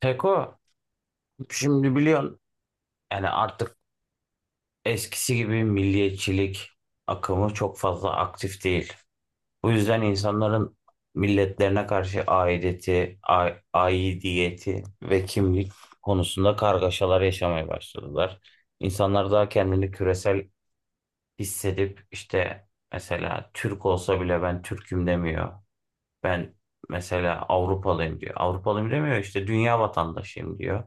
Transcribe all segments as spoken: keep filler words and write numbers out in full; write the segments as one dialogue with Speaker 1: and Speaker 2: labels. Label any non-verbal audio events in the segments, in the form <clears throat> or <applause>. Speaker 1: Peko, şimdi biliyorsun yani artık eskisi gibi milliyetçilik akımı çok fazla aktif değil. Bu yüzden insanların milletlerine karşı aidiyeti, a- aidiyeti ve kimlik konusunda kargaşalar yaşamaya başladılar. İnsanlar daha kendini küresel hissedip işte mesela Türk olsa bile ben Türk'üm demiyor. Ben mesela Avrupalıyım diyor. Avrupalıyım demiyor, işte dünya vatandaşıyım diyor.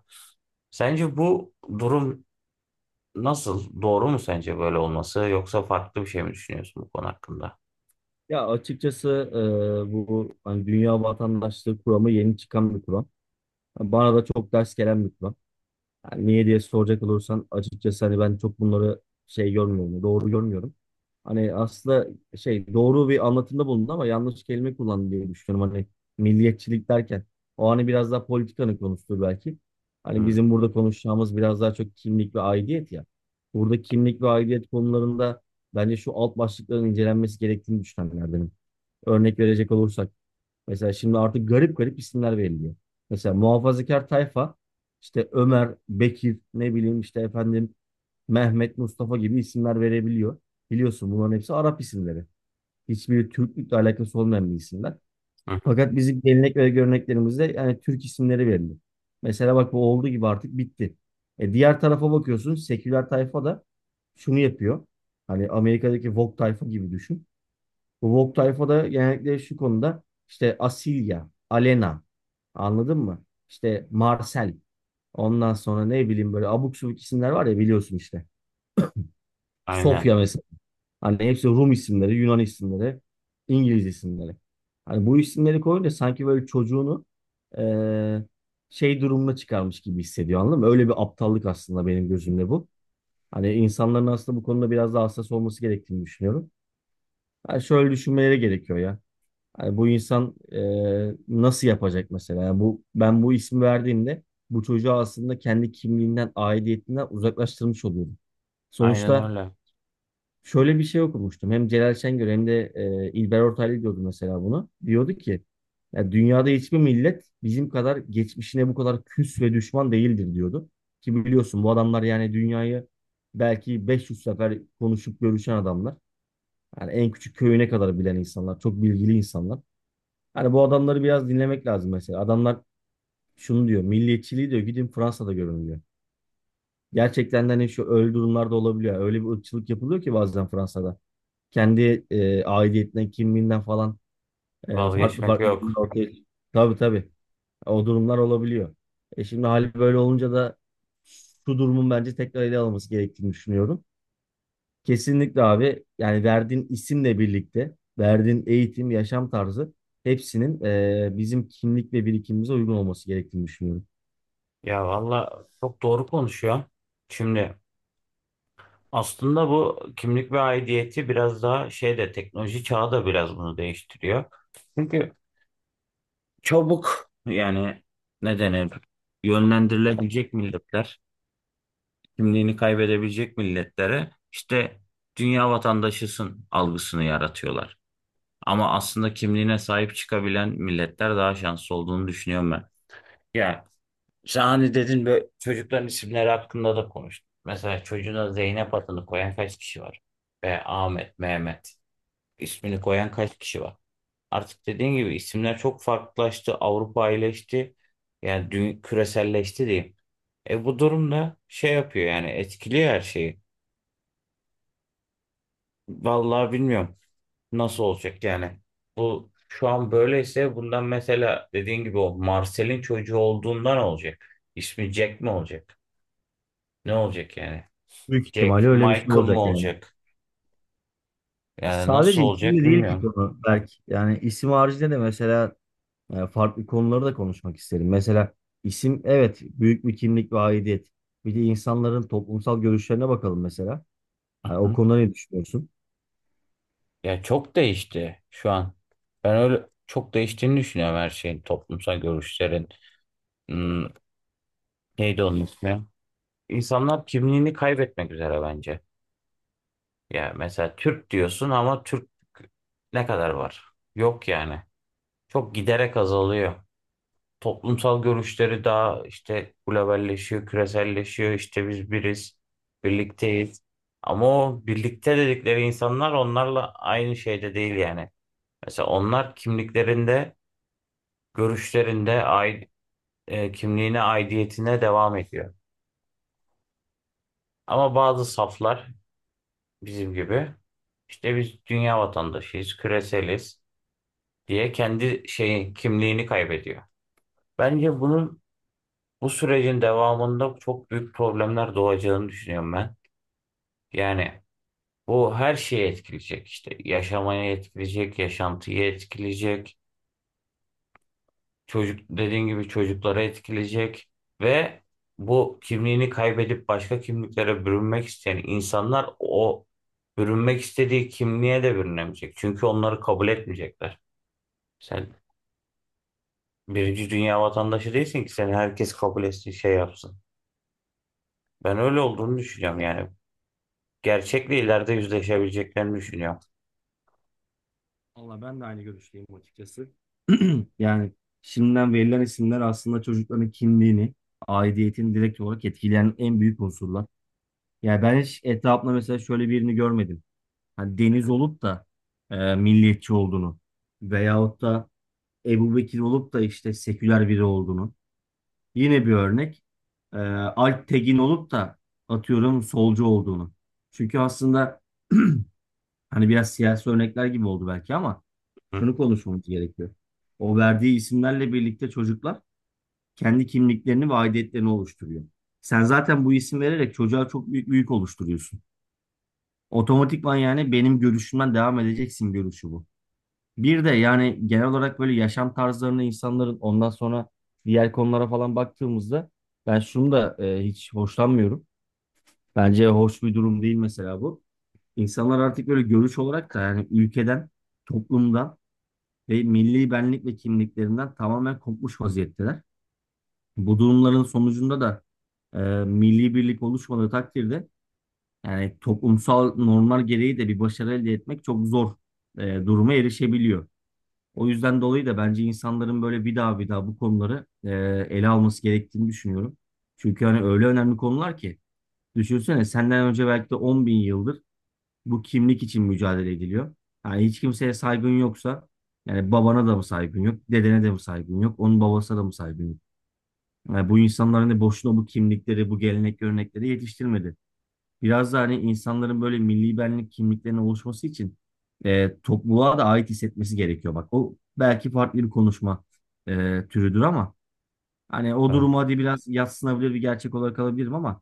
Speaker 1: Sence bu durum nasıl? Doğru mu sence böyle olması? Yoksa farklı bir şey mi düşünüyorsun bu konu hakkında?
Speaker 2: Ya açıkçası e, bu hani dünya vatandaşlığı kuramı yeni çıkan bir kuram. Bana da çok ders gelen bir kuram. Yani niye diye soracak olursan açıkçası hani ben çok bunları şey görmüyorum, doğru görmüyorum. Hani aslında şey doğru bir anlatımda bulundu ama yanlış kelime kullandı diye düşünüyorum. Hani milliyetçilik derken o hani biraz daha politikanın konusudur belki. Hani
Speaker 1: Hmm.
Speaker 2: bizim burada konuşacağımız biraz daha çok kimlik ve aidiyet ya. Burada kimlik ve aidiyet konularında bence şu alt başlıkların incelenmesi gerektiğini düşünenlerdenim. Örnek verecek olursak. Mesela şimdi artık garip garip isimler veriliyor. Mesela muhafazakar tayfa işte Ömer, Bekir, ne bileyim işte efendim Mehmet, Mustafa gibi isimler verebiliyor. Biliyorsun bunların hepsi Arap isimleri. Hiçbiri Türklükle alakası olmayan bir isimler.
Speaker 1: Hı hı.
Speaker 2: Fakat bizim gelenek ve göreneklerimizde yani Türk isimleri veriliyor. Mesela bak bu olduğu gibi artık bitti. E diğer tarafa bakıyorsun seküler tayfa da şunu yapıyor. Hani Amerika'daki Vogue tayfa gibi düşün. Bu Vogue tayfada genellikle şu konuda işte Asilya, Alena anladın mı? İşte Marcel ondan sonra ne bileyim böyle abuk subuk isimler var ya biliyorsun işte.
Speaker 1: Aynen.
Speaker 2: Sofya mesela. Hani hepsi Rum isimleri, Yunan isimleri, İngiliz isimleri. Hani bu isimleri koyunca sanki böyle çocuğunu eee, şey durumuna çıkarmış gibi hissediyor anladın mı? Öyle bir aptallık aslında benim gözümde bu. Hani insanların aslında bu konuda biraz daha hassas olması gerektiğini düşünüyorum. Yani şöyle düşünmeleri gerekiyor ya. Yani bu insan e, nasıl yapacak mesela? Yani bu ben bu ismi verdiğimde bu çocuğu aslında kendi kimliğinden, aidiyetinden uzaklaştırmış oluyorum.
Speaker 1: Aynen
Speaker 2: Sonuçta
Speaker 1: öyle.
Speaker 2: şöyle bir şey okumuştum. Hem Celal Şengör hem de e, İlber Ortaylı diyordu mesela bunu. Diyordu ki ya dünyada hiçbir millet bizim kadar geçmişine bu kadar küs ve düşman değildir diyordu. Ki biliyorsun bu adamlar yani dünyayı belki beş yüz sefer konuşup görüşen adamlar. Yani en küçük köyüne kadar bilen insanlar, çok bilgili insanlar. Hani bu adamları biraz dinlemek lazım mesela. Adamlar şunu diyor. Milliyetçiliği diyor gidin Fransa'da görün diyor. Gerçekten de hani şu öyle durumlarda olabiliyor. Öyle bir ırkçılık yapılıyor ki bazen Fransa'da. Kendi e, aidiyetinden, kimliğinden falan e, farklı
Speaker 1: Vazgeçmek
Speaker 2: farklı
Speaker 1: yok.
Speaker 2: durumlar ortaya. Tabii tabii. O durumlar olabiliyor. E şimdi hali böyle olunca da şu durumun bence tekrar ele alınması gerektiğini düşünüyorum. Kesinlikle abi. Yani verdiğin isimle birlikte, verdiğin eğitim, yaşam tarzı hepsinin e, bizim kimlik ve birikimimize uygun olması gerektiğini düşünüyorum.
Speaker 1: Ya valla çok doğru konuşuyor. Şimdi aslında bu kimlik ve aidiyeti biraz daha şey de, teknoloji çağı da biraz bunu değiştiriyor. Çünkü çabuk yani, ne denir, yönlendirilebilecek milletler, kimliğini kaybedebilecek milletlere işte dünya vatandaşısın algısını yaratıyorlar. Ama aslında kimliğine sahip çıkabilen milletler daha şanslı olduğunu düşünüyorum ben. Ya sen hani dedin, böyle çocukların isimleri hakkında da konuştuk. Mesela çocuğuna Zeynep adını koyan kaç kişi var? Ve Ahmet, Mehmet ismini koyan kaç kişi var? Artık dediğin gibi isimler çok farklılaştı. Avrupa iyileşti. Yani dü- küreselleşti diyeyim. E bu durumda şey yapıyor, yani etkiliyor her şeyi. Vallahi bilmiyorum. Nasıl olacak yani? Bu şu an böyleyse bundan, mesela dediğin gibi, o Marcel'in çocuğu olduğundan olacak? İsmi Jack mi olacak? Ne olacak yani?
Speaker 2: Büyük ihtimalle
Speaker 1: Jack
Speaker 2: öyle bir şey
Speaker 1: Michael mı
Speaker 2: olacak yani.
Speaker 1: olacak? Yani nasıl
Speaker 2: Sadece
Speaker 1: olacak
Speaker 2: isimle değil ki
Speaker 1: bilmiyorum.
Speaker 2: konu belki. Yani isim haricinde de mesela e, farklı konuları da konuşmak isterim. Mesela isim evet büyük bir kimlik ve aidiyet. Bir de insanların toplumsal görüşlerine bakalım mesela. Hani o
Speaker 1: Hı?
Speaker 2: konuda ne düşünüyorsun?
Speaker 1: Ya çok değişti şu an. Ben öyle çok değiştiğini düşünüyorum her şeyin, toplumsal görüşlerin. Hmm, neydi onun ismi? İnsanlar kimliğini kaybetmek üzere bence. Ya mesela Türk diyorsun ama Türk ne kadar var? Yok yani. Çok giderek azalıyor. Toplumsal görüşleri daha işte globalleşiyor, küreselleşiyor. İşte biz biriz, birlikteyiz. Ama o birlikte dedikleri insanlar onlarla aynı şeyde değil yani. Mesela onlar kimliklerinde, görüşlerinde, ai- e, kimliğine, aidiyetine devam ediyor. Ama bazı saflar bizim gibi işte biz dünya vatandaşıyız, küreseliz diye kendi şeyi, kimliğini kaybediyor. Bence bunun bu sürecin devamında çok büyük problemler doğacağını düşünüyorum ben. Yani bu her şeye etkileyecek işte. Yaşamaya etkileyecek, yaşantıyı etkileyecek, çocuk dediğin gibi çocuklara etkileyecek ve bu kimliğini kaybedip başka kimliklere bürünmek isteyen insanlar o bürünmek istediği kimliğe de bürünemeyecek. Çünkü onları kabul etmeyecekler. Sen birinci dünya vatandaşı değilsin ki seni herkes kabul etsin, şey yapsın. Ben öyle olduğunu düşünüyorum yani. Gerçekle ileride yüzleşebileceklerini düşünüyorum.
Speaker 2: Valla ben de aynı görüşteyim açıkçası. Yani şimdiden verilen isimler aslında çocukların kimliğini, aidiyetini direkt olarak etkileyen en büyük unsurlar. Yani ben hiç etrafımda mesela şöyle birini görmedim. Hani Deniz olup da e, milliyetçi olduğunu veyahut da Ebu Bekir olup da işte seküler biri olduğunu. Yine bir örnek. E, Alp Tegin olup da atıyorum solcu olduğunu. Çünkü aslında <clears throat> hani biraz siyasi örnekler gibi oldu belki ama
Speaker 1: Hı?
Speaker 2: şunu konuşmamız gerekiyor. O verdiği isimlerle birlikte çocuklar kendi kimliklerini ve aidiyetlerini oluşturuyor. Sen zaten bu isim vererek çocuğa çok büyük bir yük oluşturuyorsun. Otomatikman yani benim görüşümden devam edeceksin görüşü bu. Bir de yani genel olarak böyle yaşam tarzlarını insanların ondan sonra diğer konulara falan baktığımızda ben şunu da e, hiç hoşlanmıyorum. Bence hoş bir durum değil mesela bu. İnsanlar artık böyle görüş olarak da yani ülkeden, toplumdan ve milli benlik ve kimliklerinden tamamen kopmuş vaziyetteler. Bu durumların sonucunda da e, milli birlik oluşmadığı takdirde yani toplumsal normlar gereği de bir başarı elde etmek çok zor e, duruma erişebiliyor. O yüzden dolayı da bence insanların böyle bir daha bir daha bu konuları e, ele alması gerektiğini düşünüyorum. Çünkü hani öyle önemli konular ki düşünsene senden önce belki de on bin yıldır bu kimlik için mücadele ediliyor. Yani hiç kimseye saygın yoksa yani babana da mı saygın yok, dedene de mi saygın yok, onun babasına da mı saygın yok? Yani bu insanlar hani boşuna bu kimlikleri, bu gelenek görenekleri yetiştirmedi. Biraz da hani insanların böyle milli benlik kimliklerinin oluşması için e, topluluğa da ait hissetmesi gerekiyor. Bak o belki farklı bir konuşma e, türüdür ama hani o
Speaker 1: Evet.
Speaker 2: durumu hadi biraz yadsınabilir bir gerçek olarak alabilirim ama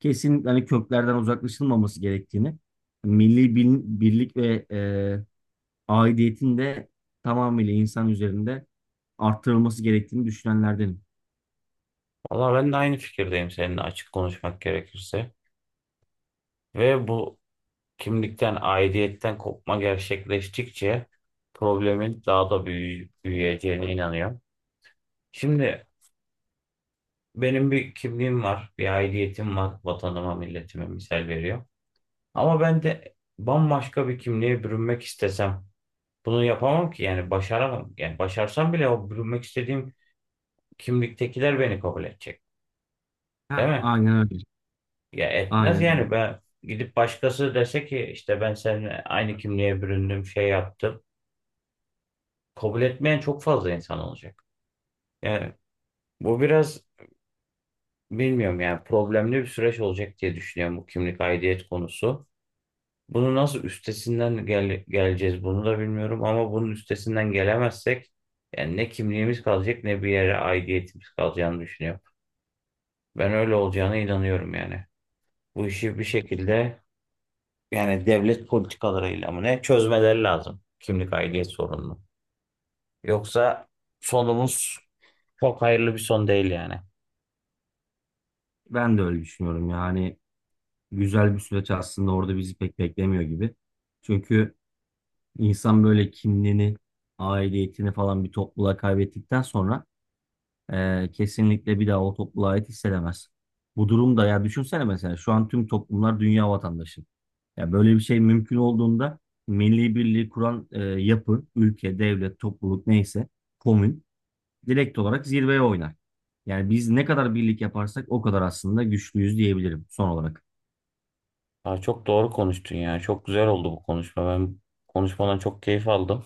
Speaker 2: kesin hani köklerden uzaklaşılmaması gerektiğini, milli bil- birlik ve e, aidiyetin de tamamıyla insan üzerinde arttırılması gerektiğini düşünenlerdenim.
Speaker 1: Valla ben de aynı fikirdeyim seninle, açık konuşmak gerekirse. Ve bu kimlikten, aidiyetten kopma gerçekleştikçe problemin daha da büyü büyüyeceğine inanıyorum. Şimdi benim bir kimliğim var, bir aidiyetim var, vatanıma, milletime misal veriyor. Ama ben de bambaşka bir kimliğe bürünmek istesem bunu yapamam ki, yani başaramam. Yani başarsam bile o bürünmek istediğim kimliktekiler beni kabul edecek. Değil
Speaker 2: Heh,
Speaker 1: mi?
Speaker 2: aynen öyle.
Speaker 1: Ya etmez
Speaker 2: Aynen öyle.
Speaker 1: yani, ben gidip başkası dese ki işte ben seninle aynı kimliğe büründüm, şey yaptım. Kabul etmeyen çok fazla insan olacak. Yani bu biraz, bilmiyorum yani, problemli bir süreç olacak diye düşünüyorum bu kimlik aidiyet konusu. Bunu nasıl üstesinden gel geleceğiz bunu da bilmiyorum, ama bunun üstesinden gelemezsek yani ne kimliğimiz kalacak ne bir yere aidiyetimiz kalacağını düşünüyorum. Ben öyle olacağına inanıyorum yani. Bu işi bir şekilde, yani devlet politikalarıyla mı ne, çözmeleri lazım kimlik aidiyet sorununu. Yoksa sonumuz çok hayırlı bir son değil yani.
Speaker 2: Ben de öyle düşünüyorum yani güzel bir süreç aslında orada bizi pek beklemiyor gibi. Çünkü insan böyle kimliğini, aidiyetini falan bir topluluğa kaybettikten sonra eee, kesinlikle bir daha o topluluğa ait hissedemez. Bu durumda ya düşünsene mesela şu an tüm toplumlar dünya vatandaşı. Ya böyle bir şey mümkün olduğunda milli birliği kuran eee, yapı, ülke, devlet, topluluk neyse komün direkt olarak zirveye oynar. Yani biz ne kadar birlik yaparsak o kadar aslında güçlüyüz diyebilirim son olarak.
Speaker 1: Aa, çok doğru konuştun ya. Çok güzel oldu bu konuşma. Ben konuşmadan çok keyif aldım.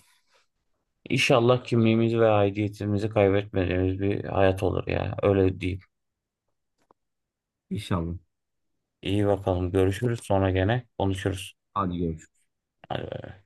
Speaker 1: İnşallah kimliğimizi ve aidiyetimizi kaybetmediğimiz bir hayat olur ya. Öyle diyeyim.
Speaker 2: İnşallah.
Speaker 1: İyi bakalım. Görüşürüz. Sonra gene konuşuruz.
Speaker 2: Hadi görüşürüz.
Speaker 1: Hadi bay.